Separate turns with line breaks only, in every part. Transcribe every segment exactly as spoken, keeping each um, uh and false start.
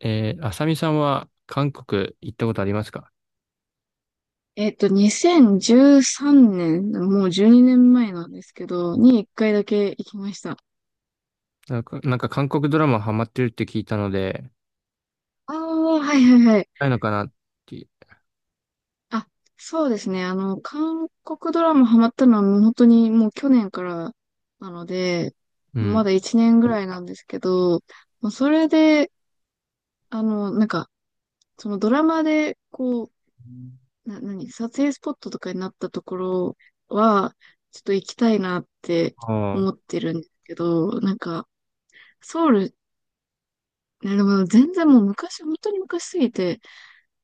えー、あさみさんは韓国行ったことありますか？
えっと、にせんじゅうさんねん、もうじゅうにねんまえなんですけど、にいっかいだけ行きました。
なんか、なんか韓国ドラマハマってるって聞いたので、
ああ、はいはいはい。
ないのかなって。
あ、そうですね。あの、韓国ドラマハマったのはもう本当にもう去年からなので、
う
ま
ん。
だいちねんぐらいなんですけど、もうそれで、あの、なんか、そのドラマで、こう、な、何、撮影スポットとかになったところは、ちょっと行きたいなって
あ
思ってるんですけど、なんか、ソウル、いや、でも全然もう昔、本当に昔すぎて、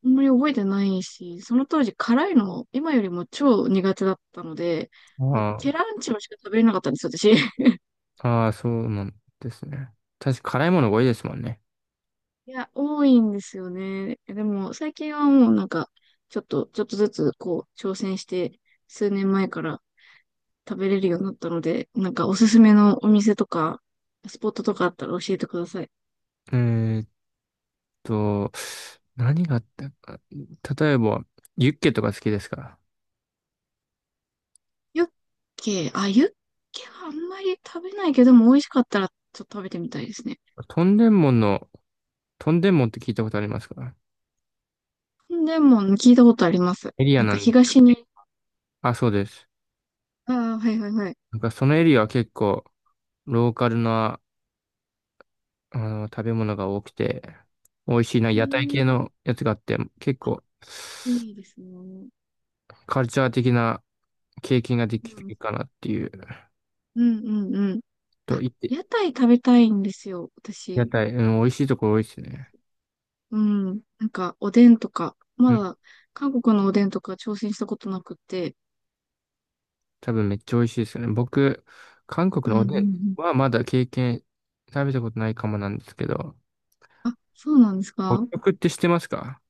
あんまり覚えてないし、その当時辛いの今よりも超苦手だったので、もう
あ、
ケ
あ
ランチョしか食べれなかったんですよ、私。
あ、ああそうなんですね。確か辛いものが多いですもんね。
いや、多いんですよね。でも最近はもうなんか、ちょっと、ちょっとずつこう、挑戦して、数年前から食べれるようになったので、なんかおすすめのお店とか、スポットとかあったら教えてください。
えーっと、何があったか。例えば、ユッケとか好きですか？
ユッケ、あ、ユッケはあんまり食べないけども美味しかったらちょっと食べてみたいですね。
トンデンモンの、トンデンモンって聞いたことありますか？
でも、聞いたことあります。
エリア
なん
な
か
んで。
東に、
あ、そうです。
ああ、はいはいはい。
なんかそのエリアは結構、ローカルなあの、食べ物が多くて、美味しいな、
うー
屋台
ん、
系のやつがあって、結構、
いいですね。
カルチャー的な経験がで
う
き
ん、
るかなっていう、
うんうんうん。
と
あ、
言って、
屋台食べたいんですよ、
屋
私。
台、うん、美味しいところ多いですね。
うん。なんか、おでんとか、ま
うん、
だ、韓国のおでんとか挑戦したことなくて。
多分めっちゃ美味しいですよね。僕、韓国
う
の
ん
お
うんう
でん
ん。
はまだ経験、食べたことないかもなんですけど、
あ、そうなんです
北
か？
極って知ってますか？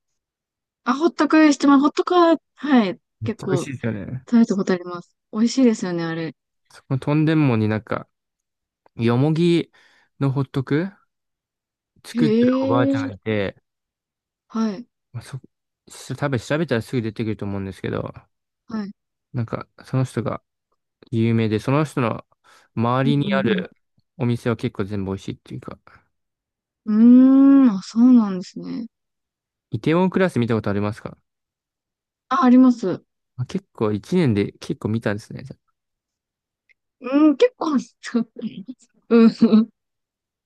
あ、ほったくしてます。ほったくは、はい。
めっ
結
ちゃ美味
構、
しいですよね。
食べたことあります。美味しいですよね、あれ。
そこのトンデンモになんか、よもぎのホットク
へ
作ってるおばあちゃん
え。
がいて、
はい。
まあ、そ、し多分調べたらすぐ出てくると思うんですけど、
はい。
なんか、その人が有名で、その人の
う
周りにあ
んう
る
ん
お店は結構全部美味しいっていうか、
うん。うーん、あ、そうなんですね。
イテウォンクラス見たことありますか？
あ、あります。
まあ結構一年で結構見たんですね。じゃ
うん、結構あります。うん。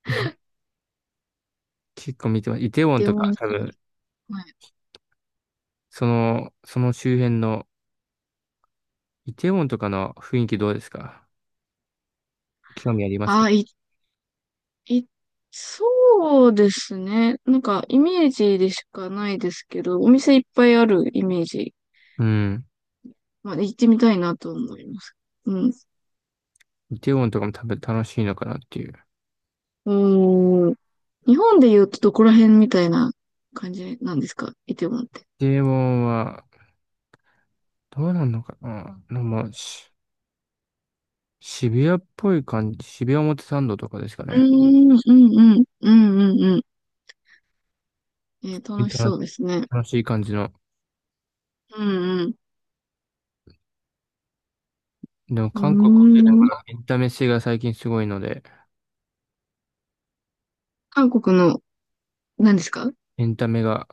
あ 結構見てます。イテウォン
で
と
も、
か多分、
はい。
その、その周辺の、イテウォンとかの雰囲気どうですか？興味ありますか？
あ、い、い、そうですね。なんか、イメージでしかないですけど、お店いっぱいあるイメージ。
うん。
まあ、行ってみたいなと思います。うん。
イテウォンとかも多分楽しいのかなっていう。
うーん。日本で言うとどこら辺みたいな感じなんですか、イテウォンって？
イテウォンは、どうなんのかな、うまあ、し渋谷っぽい感じ、渋谷表参道とかですか
うー
ね。
ん、うん、うん、うん、うん、うん。えー楽し
楽
そ
し
うですね。
楽しい感じの。
うん、うん。
でも
う
韓国は
ー
結構
ん。
なエンタメ性が最近すごいので、
韓国の、何ですか？
エンタメが、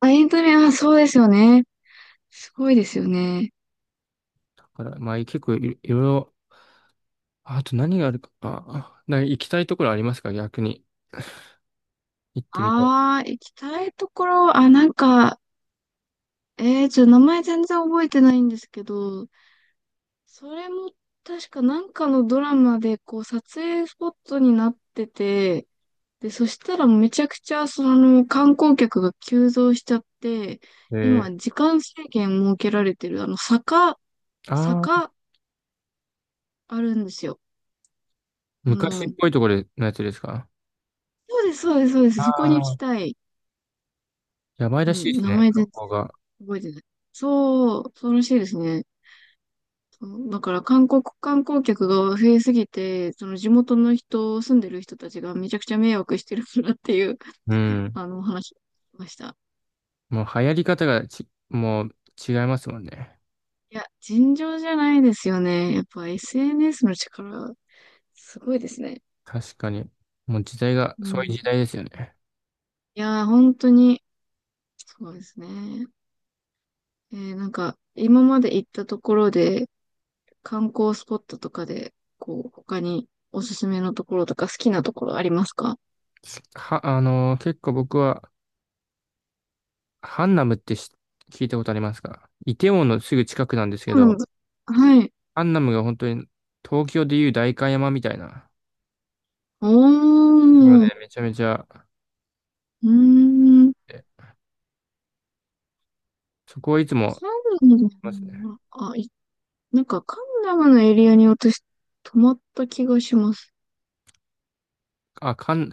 あ、エンタメ、あ、そうですよね。すごいですよね。
だからまあ結構い、いろいろ、あと何があるか、あ、なんか行きたいところありますか逆に？行ってみたい。
ああ、行きたいところ、あ、なんか、えー、ちょっと名前全然覚えてないんですけど、それも確かなんかのドラマで、こう、撮影スポットになってて、で、そしたらめちゃくちゃ、その、観光客が急増しちゃって、
え
今、
ー、
時間制限設けられてる、あの、坂、
あー、
坂あるんですよ。あ
昔っ
の、
ぽいところのやつですか？
そうです、そうです、そうで
あ
す。そこに行き
ー、
たい。
やばい
う
らしい
ん、
です
名
ね、
前全
観光
然
が。
覚えてない。そう、そうらしいですね。そうだから韓国観光客が増えすぎて、その地元の人、住んでる人たちがめちゃくちゃ迷惑してるからっていう、
うん。
あの、お話を聞きました。
もう流行り方がち、もう違いますもんね。
いや、尋常じゃないですよね。やっぱ エスエヌエス の力、すごいですね。
確かに。もう時代が、
う
そういう
ん。
時代ですよね。
いやー、本当に、そうですね。えーなんか、今まで行ったところで、観光スポットとかで、こう、他におすすめのところとか好きなところありますか？
は、あのー結構僕は、ハンナムってし聞いたことありますか？イテウォンのすぐ近くなんですけ
あの
ど、
はい。
ハンナムが本当に東京でいう代官山みたいな
お
ところ
ー、
で
う
めちゃめちゃ、
ーん。
えそこはいつも、
カンナ
ます
ダ
ね。
の、あ、い、なんかカンナムのエリアに私、泊まった気がします。
あ、カン、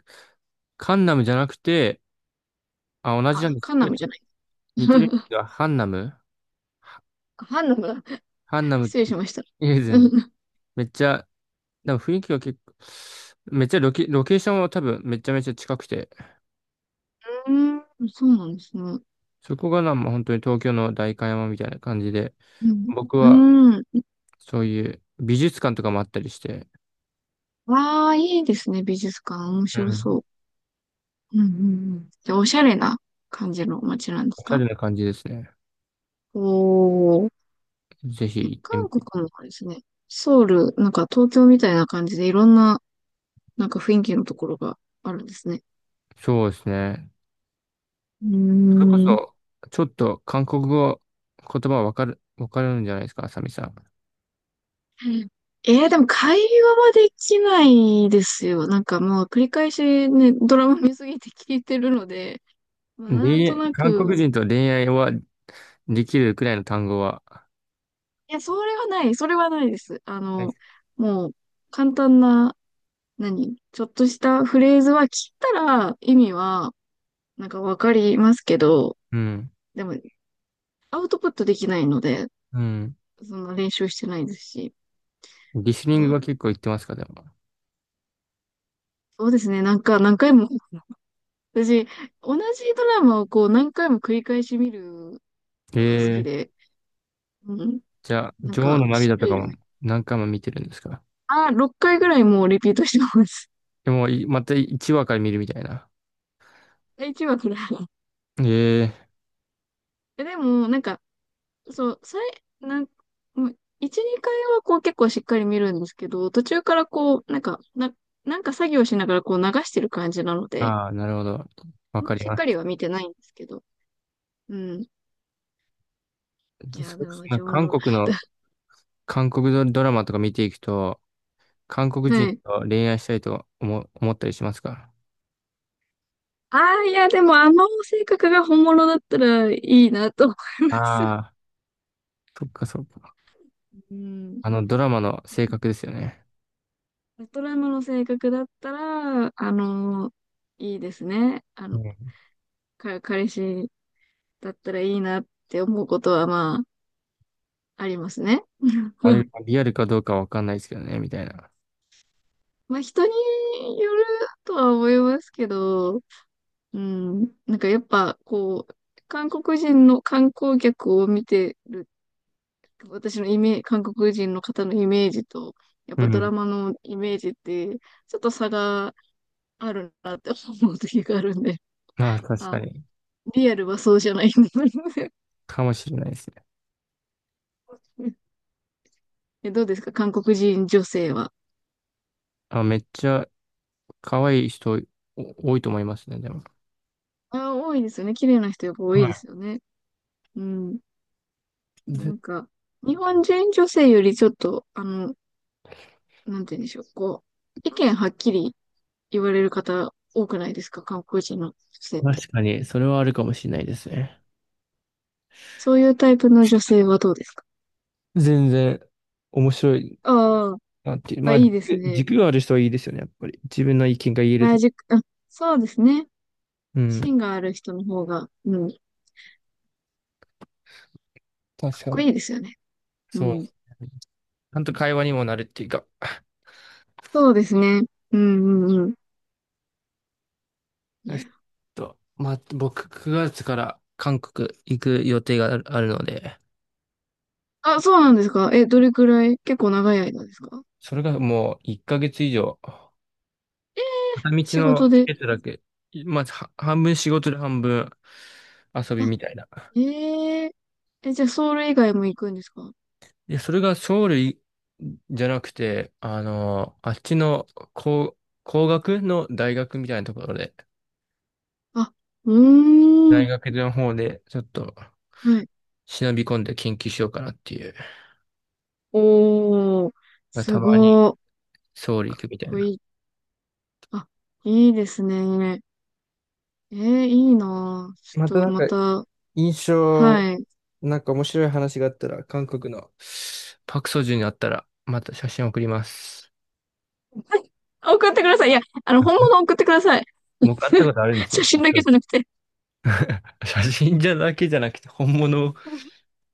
カンナムじゃなくて、あ、同じなん
あ、
です
カンナ
け
ムじ
ど。
ゃない。
似てるんで すが、ハンナム、
ハンナムだ。
ハンナムっ
失礼
て、
し
い
ました。
え、
う
全
ん、
然。
う
めっちゃ、でも雰囲気は結構、めっちゃロケ、ロケーションは多分めちゃめちゃ近くて、
ーん、そうなんですね。
そこがなんも本当に東京の代官山みたいな感じで、
うん。
僕は
うーん。
そういう美術館とかもあったりして、
ああ、いいですね、美術館。面
う
白そ
ん。
う。うん、うん、うん。で、おしゃれな感じの街なんです
おしゃ
か？
れな感じですね。
おー。
ぜひ行ってみ
韓
て。
国もですね、ソウル、なんか東京みたいな感じでいろんななんか雰囲気のところがあるんですね。
そうですね。
う
それこ
ーん。
そ、ちょっと韓国語、言葉わかる、わかるんじゃないですか、あさみさ
えー、でも会話はできないですよ。なんかもう繰り返しね、ドラマ見すぎて聞いてるので、まあ
ん。
なん
恋
と
愛、
な
韓国
く、
人と恋愛はできるくらいの単語は。
いや、それはない、それはないです。あ
はい。
の、もう、簡単な、何、ちょっとしたフレーズは聞いたら意味は、なんかわかりますけど、
うん。
でも、アウトプットできないので、
うん。
そんな練習してないですし、
リスニン
う
グ
ん、
は結構言ってますか、でも。
そうですね、なんか何回も私、同じドラマをこう何回も繰り返し見るのが好き
ええ、
で、うん。
じゃあ、
なん
女王
か、
の涙と
種
か
類を、
も何回も見てるんですか？
あ、ろっかいぐらいもうリピートしてます。
でも、いまたいちわから見るみたいな。
いちわくらい
ええ、
え、でも、なんか、そう、さい、なん、もういち、にかいはこう結構しっかり見るんですけど、途中からこう、なんか、な、なんか作業しながらこう流してる感じなので、
ああ、なるほど。
あ
わ
んま
か
り
り
しっ
ま
かり
す。
は見てないんですけど、うん。いや、
それ
で
こそ
も、
なん
女
か
王
韓
のラ
国
イダ
の、
ー。
韓国ドドラマとか見ていくと、韓国人 と恋愛したいと思、思ったりしますか？
ああ、いや、でもあの性格が本物だったらいいなと思います。
ああー、そっかそっか。
うん。
あのドラマの性格ですよね。
ベトナムの性格だったら、あの、いいですね。あ
う
の、
ん
か、彼氏だったらいいなって思うことは、まあ、ありますね。
あれ がリアルかどうかわかんないですけどね、みたいな。
まあ、人によるとは思いますけど、うん。なんかやっぱ、こう、韓国人の観光客を見てる私のイメージ、韓国人の方のイメージと、やっ
う
ぱドラ
ん。
マのイメージって、ちょっと差があるなって思う時があるんで、
まあ確か
あ、
に。
リアルはそうじゃないんだ
かもしれないですね。
え、どうですか、韓国人女性は？
あ、めっちゃ可愛い人お多いと思いますね、でも。
あ、多いですよね。綺麗な人やっぱ多いで
は
すよね。うん。
い。
な
ぜ
んか、日本人女性よりちょっと、あの、なんて言うんでしょう。こう、意見はっきり言われる方多くないですか、韓国人の女性って？
確かに、それはあるかもしれないですね。
そういうタイプの女性はどうですか？
全然面白い。
ああー。
なんてま
あ、
あ、
い
軸、
いですね。
軸がある人はいいですよね、やっぱり。自分の意見が言える
原
と。
宿、あ、そうですね。
うん。
芯がある人の方が、うん、かっ
確か
こい
に。
いですよね。う
そう。
ん。
ちゃんと会話にもなるっていうか。
そうですね。うんうんうん。い
えっ
や。
と、まあ、僕、くがつから韓国行く予定がある、あるので、
あ、そうなんですか。え、どれくらい、結構長い間ですか？
それがもういっかげつ以上、片道
仕
の
事
チ
で。
ケットだけ、まあ、は半分仕事で半分遊び
あ、
みたいな。
えええ、じゃあソウル以外も行くんですか？
で、それがソウルいじゃなくて、あの、あっちの工、工学の大学みたいなところで、
あ、うー
大
ん。
学の方で、ちょっと、
はい。
忍び込んで研究しようかなっていう。
おー、
た
す
まに、
ごー。かっ
ソウル行くみたい
こ
な。
いい。あ、いいですね。えー、いいなぁ。ち
また
ょっ
な
と
んか、
また、
印象、
はい。
なんか面白い話があったら、韓国のパクソジュにあったら、また写真送ります。
送ってください。いや、あの、本物 送ってください。
僕会ったこ とあるんです
写
よ。
真だけじゃな くて、
写真じゃだけじゃなくて、本物を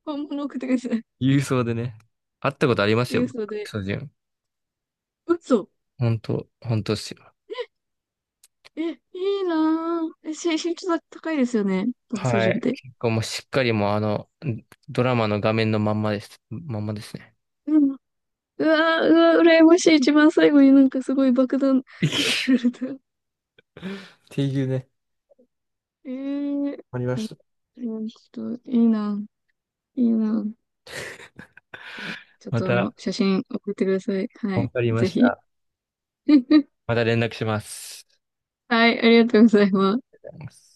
本物送ってください。
郵送でね。会ったことありますよ、
郵
僕、
送
パク
で。
ソジュン。
嘘。
本当、本当ですよ。
え、いいなぁ。え、し身長高いですよね。爆走
は
順っ
い。
て。
結構もうしっかりもうあの、ドラマの画面のまんまです。まんまですね。
うん。うわぁ、うわぁ、羨ましい。一番最後になんかすごい爆弾投 げ
っ
られた。
ていうね。
えー、
わかりま
あ
した。
のちょっと、いいなぁ。いいなぁ。いやちょっ
ま
とあ
た、
の、写真送ってください。は
わ
い。
かりま
ぜ
し
ひ。
た。また連絡します。
はい、ありがとうございます。
ありがとうございます